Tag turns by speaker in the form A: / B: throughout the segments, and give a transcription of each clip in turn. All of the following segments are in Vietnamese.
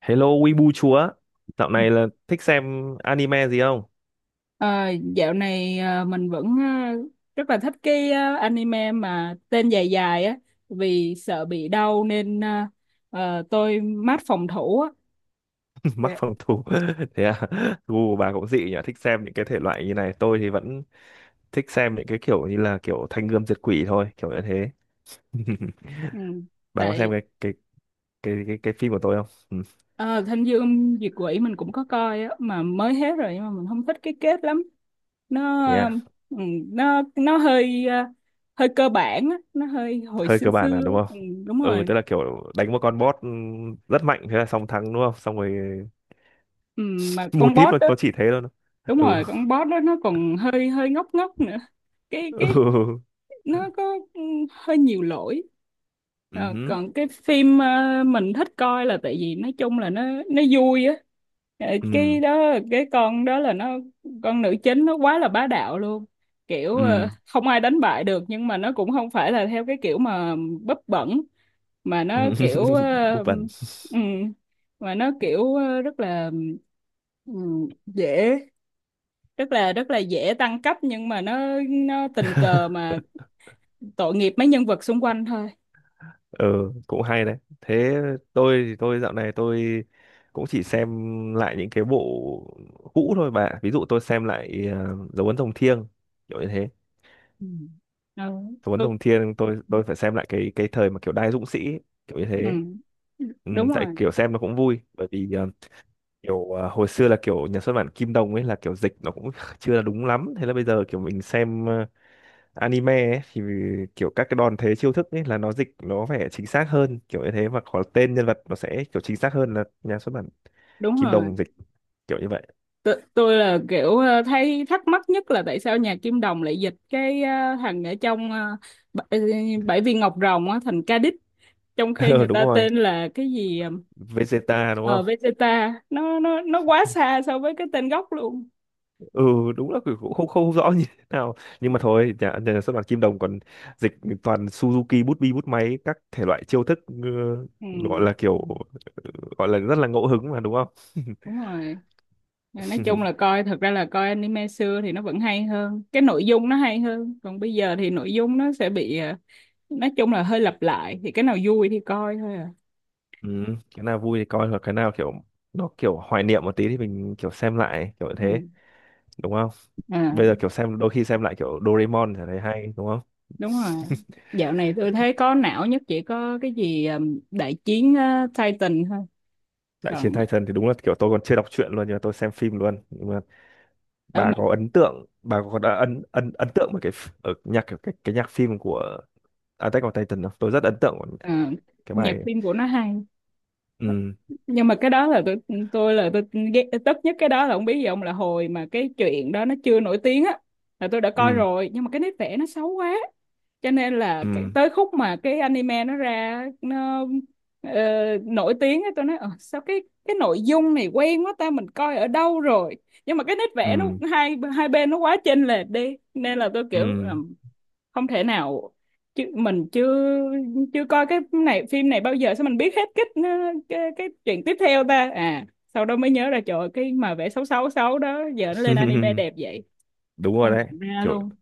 A: Hello Weibo chúa, dạo này là thích xem anime gì không?
B: Ờ, dạo này mình vẫn rất là thích cái anime mà tên dài dài á vì sợ bị đau nên tôi mát phòng thủ á.
A: Mắc
B: Dạ.
A: phòng thủ. Thế à, gu của bà cũng dị nhỉ, thích xem những cái thể loại như này. Tôi thì vẫn thích xem những cái kiểu như là kiểu Thanh Gươm Diệt Quỷ thôi, kiểu như thế.
B: Ừ.
A: Bà có xem
B: Tại
A: cái phim của tôi không? Ừ.
B: ờ, Thanh Dương Diệt Quỷ mình cũng có coi á mà mới hết rồi nhưng mà mình không thích cái kết lắm. Nó
A: Thế
B: ờ,
A: à,
B: ừ, nó hơi hơi cơ bản á, nó hơi hồi
A: hơi
B: xưa
A: cơ bản à
B: xưa.
A: đúng không?
B: Ừ, đúng
A: Ừ,
B: rồi.
A: tức là kiểu đánh một con boss rất mạnh thế là xong thắng đúng không? Xong rồi
B: Ừ, mà
A: mô
B: con
A: típ
B: boss
A: nó,
B: đó,
A: nó chỉ thế thôi.
B: đúng
A: Ừ.
B: rồi, con boss đó nó còn hơi hơi ngốc ngốc nữa. Cái
A: Ừ.
B: Nó có hơi nhiều lỗi. Ờ,
A: Ừ.
B: còn cái phim mình thích coi là tại vì nói chung là nó vui á.
A: Ừ.
B: Cái đó, cái con đó, là nó, con nữ chính nó quá là bá đạo luôn, kiểu
A: Ừ.
B: không ai đánh bại được, nhưng mà nó cũng không phải là theo cái kiểu mà bấp bẩn, mà nó
A: Ừ.
B: kiểu
A: Búp bẩn.
B: ừm, rất là dễ, rất là dễ tăng cấp, nhưng mà nó tình cờ mà tội nghiệp mấy nhân vật xung quanh thôi.
A: Ừ, cũng hay đấy. Thế tôi thì tôi dạo này tôi cũng chỉ xem lại những cái bộ cũ thôi, bà. Ví dụ tôi xem lại dấu ấn rồng thiêng, kiểu như thế.
B: Ừ. Ừ.
A: Dấu ấn
B: tôi-
A: rồng thiêng tôi phải xem lại cái thời mà kiểu đai dũng sĩ, kiểu như
B: ừ.
A: thế. Ừ,
B: Đúng
A: tại
B: rồi.
A: kiểu xem nó cũng vui bởi vì hồi xưa là kiểu nhà xuất bản Kim Đồng ấy là kiểu dịch nó cũng chưa là đúng lắm. Thế là bây giờ kiểu mình xem anime ấy, thì kiểu các cái đòn thế chiêu thức ấy là nó dịch nó phải chính xác hơn kiểu như thế, và có tên nhân vật nó sẽ kiểu chính xác hơn là nhà xuất bản
B: Đúng
A: Kim
B: rồi.
A: Đồng dịch, kiểu như vậy.
B: Tôi là kiểu thấy thắc mắc nhất là tại sao nhà Kim Đồng lại dịch cái thằng ở trong bảy, bảy viên ngọc rồng á thành Ca-đích, trong khi
A: Ừ,
B: người
A: đúng
B: ta
A: rồi.
B: tên là cái gì. Ờ
A: Vegeta đúng
B: ờ,
A: không?
B: Vegeta, nó quá xa so với cái tên gốc luôn.
A: Ừ, đúng là cũng không không rõ như thế nào, nhưng mà thôi nhà xuất bản Kim Đồng còn dịch toàn Suzuki bút bi bút máy các thể loại chiêu thức. Ừ,
B: Ừ,
A: gọi là kiểu gọi là rất là ngẫu hứng mà đúng không?
B: đúng rồi. Mà nói chung là coi, thật ra là coi anime xưa thì nó vẫn hay hơn, cái nội dung nó hay hơn, còn bây giờ thì nội dung nó sẽ bị nói chung là hơi lặp lại, thì cái nào vui thì coi thôi à.
A: Ừ, cái nào vui thì coi, hoặc cái nào kiểu nó kiểu hoài niệm một tí thì mình kiểu xem lại, kiểu như
B: Ừ.
A: thế, đúng không?
B: À,
A: Bây giờ kiểu xem đôi khi xem lại kiểu Doraemon thì thấy hay đúng không?
B: đúng rồi, dạo này tôi thấy có não nhất chỉ có cái gì đại chiến Titan thôi.
A: Đại chiến
B: Còn
A: Titan thì đúng là kiểu tôi còn chưa đọc truyện luôn, nhưng mà tôi xem phim luôn. Nhưng mà
B: ờ,
A: bà
B: mà
A: có ấn tượng, bà có đã ấn ấn ấn tượng với cái ph- ở nhạc cái nhạc phim của Attack on Titan không? Tôi rất ấn tượng với
B: ờ,
A: cái bài
B: Nhạc
A: ấy.
B: phim của nó hay,
A: Ừ.
B: nhưng mà cái đó là tôi ghét tức nhất. Cái đó là không biết gì ông, là hồi mà cái chuyện đó nó chưa nổi tiếng á là tôi đã coi
A: Ừ.
B: rồi, nhưng mà cái nét vẽ nó xấu quá, cho nên là
A: Ừ.
B: cái, tới khúc mà cái anime nó ra nó ờ, nổi tiếng á, tôi nói "Ờ, sao cái nội dung này quen quá ta, mình coi ở đâu rồi, nhưng mà cái nét vẽ nó
A: Ừ.
B: hai hai bên nó quá chênh lệch đi", nên là tôi kiểu
A: Ừ.
B: "Ờ, không thể nào, chứ mình chưa, coi cái này, phim này bao giờ, sao mình biết hết cái cái chuyện tiếp theo ta?" À, sau đó mới nhớ ra, trời ơi, cái mà vẽ xấu xấu xấu đó giờ nó lên anime đẹp vậy,
A: Đúng rồi
B: không
A: đấy,
B: nhận ra
A: kiểu
B: luôn.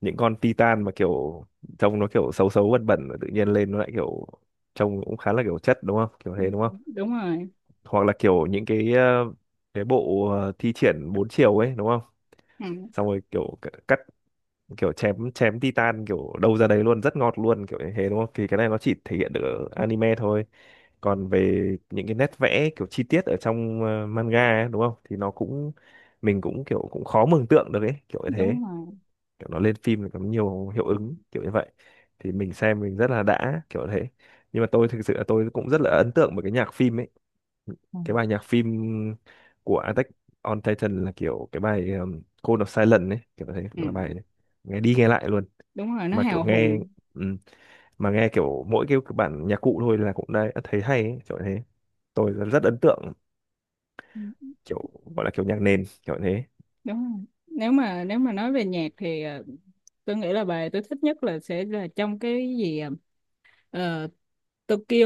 A: những con Titan mà kiểu trông nó kiểu xấu xấu bẩn bẩn, tự nhiên lên nó lại kiểu trông cũng khá là kiểu chất đúng không, kiểu
B: Ừ,
A: thế đúng không?
B: đúng rồi.
A: Hoặc là kiểu những cái bộ thi triển bốn chiều ấy đúng không?
B: Ừ,
A: Xong rồi kiểu cắt, kiểu chém chém titan kiểu đâu ra đấy luôn, rất ngọt luôn, kiểu như thế đúng không? Thì cái này nó chỉ thể hiện được ở anime thôi. Còn về những cái nét vẽ kiểu chi tiết ở trong manga ấy, đúng không, thì nó cũng mình cũng kiểu cũng khó mường tượng được ấy, kiểu như thế.
B: đúng rồi.
A: Kiểu nó lên phim thì có nhiều hiệu ứng kiểu như vậy thì mình xem mình rất là đã, kiểu thế. Nhưng mà tôi thực sự là tôi cũng rất là ấn tượng với cái nhạc phim ấy.
B: Ừ.
A: Cái bài nhạc phim của Attack on Titan là kiểu cái bài Call of Silence ấy, kiểu thế,
B: Ừ,
A: là bài đấy. Nghe đi nghe lại luôn,
B: đúng rồi, nó
A: mà kiểu
B: hào
A: nghe
B: hùng.
A: ừm, mà nghe kiểu mỗi cái bản nhạc cụ thôi là cũng đã thấy hay ấy, kiểu thế. Tôi rất rất ấn tượng,
B: Ừ,
A: kiểu gọi là kiểu nhạc nền kiểu thế.
B: đúng rồi. Nếu mà nếu mà nói về nhạc thì tôi nghĩ là bài tôi thích nhất là sẽ là trong cái gì, ờ, Tokyo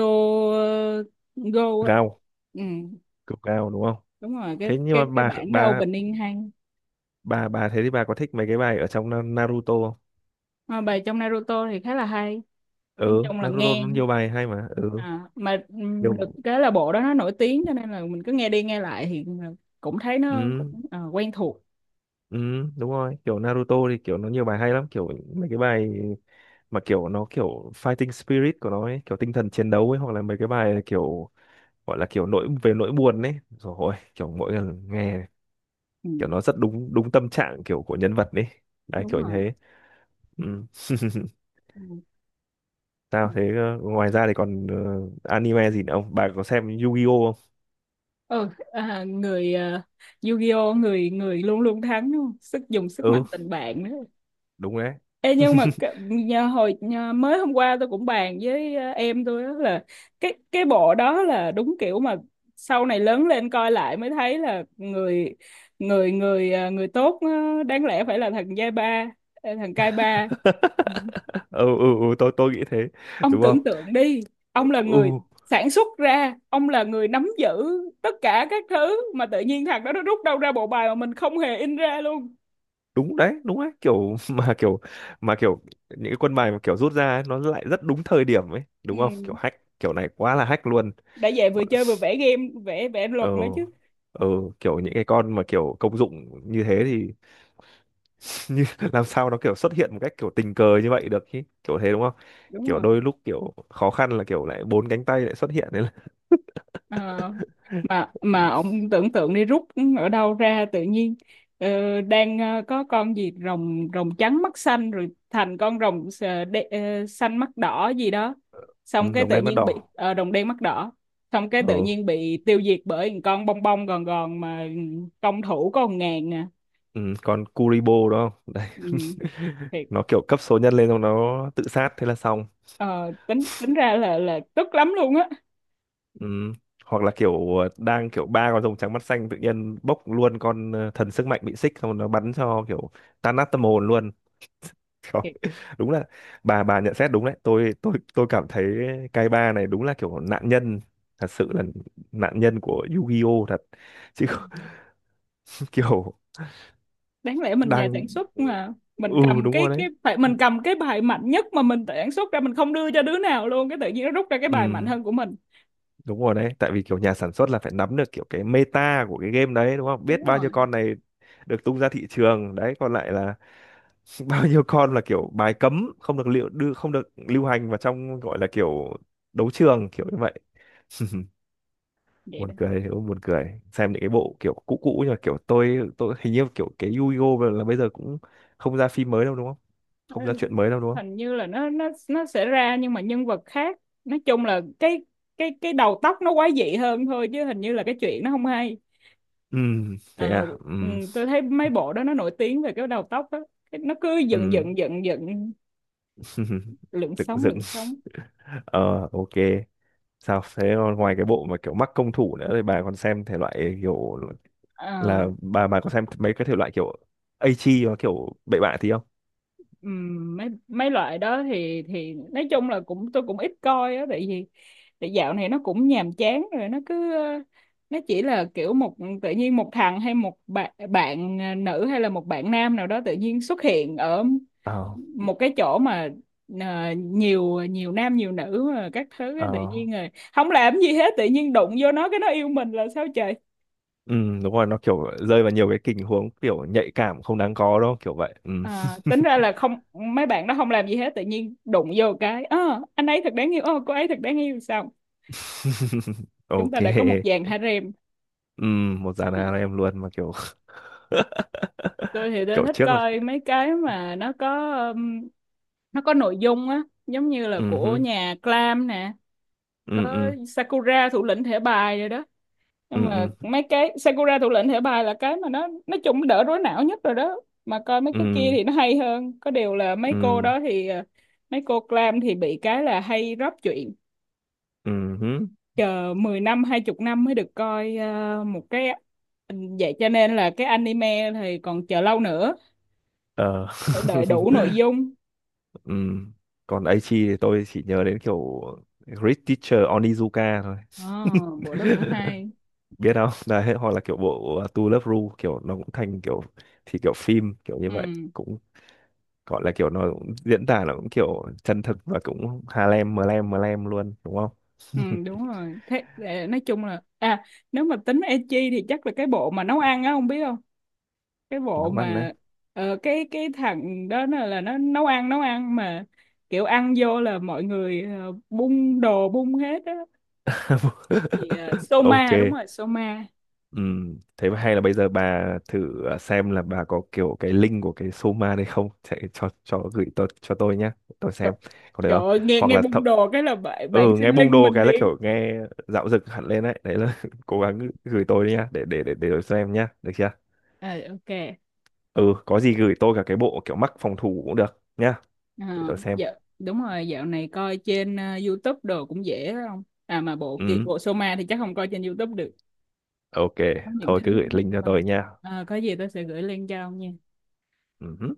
B: ờ, Go á.
A: Gao,
B: Ừ.
A: kiểu gao đúng không?
B: Đúng rồi, cái
A: Thế nhưng mà
B: cái cái
A: bà
B: bản đó
A: bà
B: opening hay.
A: bà bà thế thì bà có thích mấy cái bài ở trong Naruto không?
B: Mà bài trong Naruto thì khá là hay, nói
A: Ừ,
B: chung là
A: Naruto
B: nghe
A: nó nhiều bài hay mà. Ừ,
B: à, mà được
A: nhiều.
B: cái là bộ đó nó nổi tiếng cho nên là mình cứ nghe đi nghe lại thì cũng thấy nó cũng
A: Ừ.
B: quen thuộc.
A: Ừ, đúng rồi, kiểu Naruto thì kiểu nó nhiều bài hay lắm, kiểu mấy cái bài mà kiểu nó kiểu fighting spirit của nó ấy, kiểu tinh thần chiến đấu ấy, hoặc là mấy cái bài kiểu gọi là kiểu nỗi buồn ấy. Rồi ôi, kiểu mỗi lần nghe
B: Ừ,
A: kiểu nó rất đúng đúng tâm trạng kiểu của nhân vật ấy. Đấy
B: đúng
A: kiểu như
B: rồi.
A: thế. Ừ.
B: Ừ. Ừ.
A: Sao thế, ngoài ra thì còn anime gì nữa không? Bà có xem Yu-Gi-Oh không?
B: Ừ, à, Yu-Gi-Oh người người luôn luôn thắng đúng không? Sức, dùng sức mạnh
A: Ừ,
B: tình bạn nữa.
A: đúng đấy.
B: Ê, nhưng mà mới hôm qua tôi cũng bàn với em tôi, đó là cái bộ đó là đúng kiểu mà sau này lớn lên coi lại mới thấy là người người người ờ, người tốt, đáng lẽ phải là thằng giai ba, thằng cai ba. Ừ.
A: Ừ, ừ, ừ, tôi nghĩ thế
B: Ông
A: đúng không?
B: tưởng tượng đi, ông là người
A: Ừ,
B: sản xuất ra, ông là người nắm giữ tất cả các thứ mà tự nhiên thằng đó nó rút đâu ra bộ bài mà mình không hề in ra luôn.
A: đúng đấy đúng đấy, kiểu mà kiểu những cái quân bài mà kiểu rút ra ấy, nó lại rất đúng thời điểm ấy đúng không, kiểu
B: Ừ.
A: hack kiểu này quá là hack luôn.
B: Đã vậy vừa
A: Bọn-
B: chơi vừa vẽ game, vẽ vẽ
A: ờ
B: luật nữa chứ.
A: ờ kiểu những cái con mà kiểu công dụng như thế thì như làm sao nó kiểu xuất hiện một cách kiểu tình cờ như vậy được chứ, kiểu thế đúng không?
B: Đúng
A: Kiểu
B: rồi.
A: đôi lúc kiểu khó khăn là kiểu lại bốn cánh tay lại xuất hiện đấy là.
B: Ờ, mà
A: Ừ,
B: ông tưởng tượng đi, rút ở đâu ra tự nhiên, đang có con gì rồng rồng trắng mắt xanh, rồi thành con rồng xanh mắt đỏ gì đó,
A: ừ,
B: xong cái
A: đồng
B: tự
A: đen mắt
B: nhiên
A: đỏ.
B: bị rồng đen mắt đỏ, xong cái tự
A: Ờ,
B: nhiên bị tiêu diệt bởi một con bông bông gòn gòn mà công thủ có 1.000 à.
A: ừ, còn Kuribo đúng không đấy.
B: Ừ, thiệt.
A: Nó kiểu cấp số nhân lên xong nó tự sát thế là xong.
B: Ờ, tính tính ra là tức lắm luôn á.
A: Ừ. Hoặc là kiểu đang kiểu ba con rồng trắng mắt xanh tự nhiên bốc luôn con thần sức mạnh bị xích xong rồi nó bắn cho kiểu tan nát tâm hồn luôn. Trời, đúng là bà nhận xét đúng đấy. Tôi cảm thấy cái ba này đúng là kiểu nạn nhân, thật sự là nạn nhân của Yu-Gi-Oh thật chứ. Kiểu
B: Đáng lẽ mình nhà
A: đang.
B: sản xuất mà mình
A: Ừ,
B: cầm
A: đúng rồi đấy.
B: cái bài mạnh nhất mà mình tự sản xuất ra, mình không đưa cho đứa nào luôn, cái tự nhiên nó rút ra cái bài mạnh
A: Ừ,
B: hơn của mình.
A: đúng rồi đấy, tại vì kiểu nhà sản xuất là phải nắm được kiểu cái meta của cái game đấy đúng không? Biết
B: Đúng
A: bao nhiêu
B: rồi.
A: con này được tung ra thị trường đấy, còn lại là bao nhiêu con là kiểu bài cấm không được liệu đưa, không được lưu hành vào trong, gọi là kiểu đấu trường kiểu như vậy.
B: Vậy
A: Buồn
B: đó.
A: cười hiểu không? Buồn cười xem những cái bộ kiểu cũ cũ, nhưng mà kiểu tôi hình như kiểu cái Yu-Gi-Oh là bây giờ cũng không ra phim mới đâu đúng không?
B: Ờ,
A: Không ra chuyện mới đâu đúng không?
B: Hình như là nó sẽ ra nhưng mà nhân vật khác, nói chung là cái đầu tóc nó quái dị hơn thôi, chứ hình như là cái chuyện nó không hay.
A: Ừ, thế
B: Ờ,
A: à.
B: ừ,
A: Ừm,
B: tôi thấy mấy bộ đó nó nổi tiếng về cái đầu tóc đó. Cái- nó cứ dựng
A: ừ,
B: dựng dựng dựng, lượn
A: dựng
B: sóng
A: dựng.
B: lượn sóng.
A: Ờ ok Sao thế, còn ngoài cái bộ mà kiểu mắc công thủ nữa thì bà còn xem thể loại kiểu
B: Ờ,
A: là bà có xem mấy cái thể loại kiểu Aichi và kiểu bậy bạ tí không?
B: Mấy mấy loại đó thì nói chung là cũng tôi cũng ít coi á, tại vì tại dạo này nó cũng nhàm chán rồi. Nó cứ nó chỉ là kiểu một, tự nhiên một thằng hay một bạn bạn nữ hay là một bạn nam nào đó tự nhiên xuất hiện ở
A: Ờ,
B: một cái chỗ mà nhiều nhiều nam nhiều nữ mà các thứ á, tự
A: ờ.
B: nhiên rồi không làm gì hết, tự nhiên đụng vô nó cái nó yêu mình là sao trời.
A: Ừ, đúng rồi, nó kiểu rơi vào nhiều cái tình huống kiểu nhạy cảm không đáng có đó, kiểu vậy. Ừ.
B: À, tính ra là không, mấy bạn đó không làm gì hết, tự nhiên đụng vô cái "Ơ, anh ấy thật đáng yêu, ơ cô ấy thật đáng yêu, sao chúng ta
A: Ok.
B: đã có một dàn harem".
A: Ừ, một dàn
B: Ừ.
A: hàng em luôn mà kiểu
B: Tôi thì tôi
A: kiểu
B: thích
A: trước là
B: coi mấy cái mà nó có nội dung á, giống như là
A: ừ
B: của
A: hứ,
B: nhà Clam nè,
A: ừ
B: có
A: ừ
B: Sakura thủ lĩnh thẻ bài rồi đó.
A: ừ
B: Nhưng mà
A: ừ
B: mấy cái Sakura thủ lĩnh thẻ bài là cái mà nó nói chung nó đỡ rối não nhất rồi đó, mà coi mấy cái kia
A: ừ
B: thì nó hay hơn, có điều là mấy cô
A: ừ
B: đó thì mấy cô Clam thì bị cái là hay drop chuyện,
A: ừ hứ,
B: chờ 10 năm 20 năm mới được coi một cái. Ừ, vậy cho nên là cái anime thì còn chờ lâu nữa,
A: ờ.
B: phải đợi đủ nội dung.
A: Ừ. Còn Aichi thì tôi chỉ nhớ đến kiểu Great Teacher Onizuka thôi.
B: À, bộ đó cũng hay.
A: Biết không? Đấy, hoặc là kiểu bộ To Love Ru, kiểu nó cũng thành kiểu, thì kiểu phim kiểu như vậy
B: Ừ,
A: cũng gọi là kiểu nó cũng diễn tả nó cũng kiểu chân thực và cũng Harlem Mlem Mlem luôn đúng không?
B: ừ, đúng rồi. Thế để nói chung là à, nếu mà tính ecchi thì chắc là cái bộ mà nấu ăn á, không biết không? Cái bộ
A: Nó ăn đấy.
B: mà cái thằng đó là nó nấu ăn mà kiểu ăn vô là mọi người bung đồ bung hết á. Soma, đúng
A: Ok.
B: rồi, Soma.
A: Ừ, thế mà hay là bây giờ bà thử à, xem là bà có kiểu cái link của cái Soma đây không, sẽ cho gửi tôi, cho tôi nhá, tôi
B: Trời,
A: xem, có được
B: trời
A: không?
B: ơi, nghe
A: Hoặc
B: nghe
A: là
B: bung đồ cái là bạn
A: ừ,
B: bạn xin
A: nghe bung
B: link
A: đô
B: mình
A: cái là
B: liền.
A: kiểu nghe dạo dực hẳn lên đấy, đấy là cố gắng gửi tôi đi nhá, để tôi xem nhá, được chưa?
B: À, ok.
A: Ừ, có gì gửi tôi cả cái bộ kiểu mắc phòng thủ cũng được nhá,
B: Ờ,
A: để tôi xem.
B: dạ, đúng rồi, dạo này coi trên YouTube đồ cũng dễ đó không? À mà
A: Ừ,
B: bộ Soma thì chắc không coi trên YouTube được.
A: ok,
B: Có những
A: thôi cứ
B: thứ
A: gửi
B: chúng ta không
A: link cho
B: coi được.
A: tôi nhá.
B: Có gì tôi sẽ gửi link cho ông nha.
A: Ừ.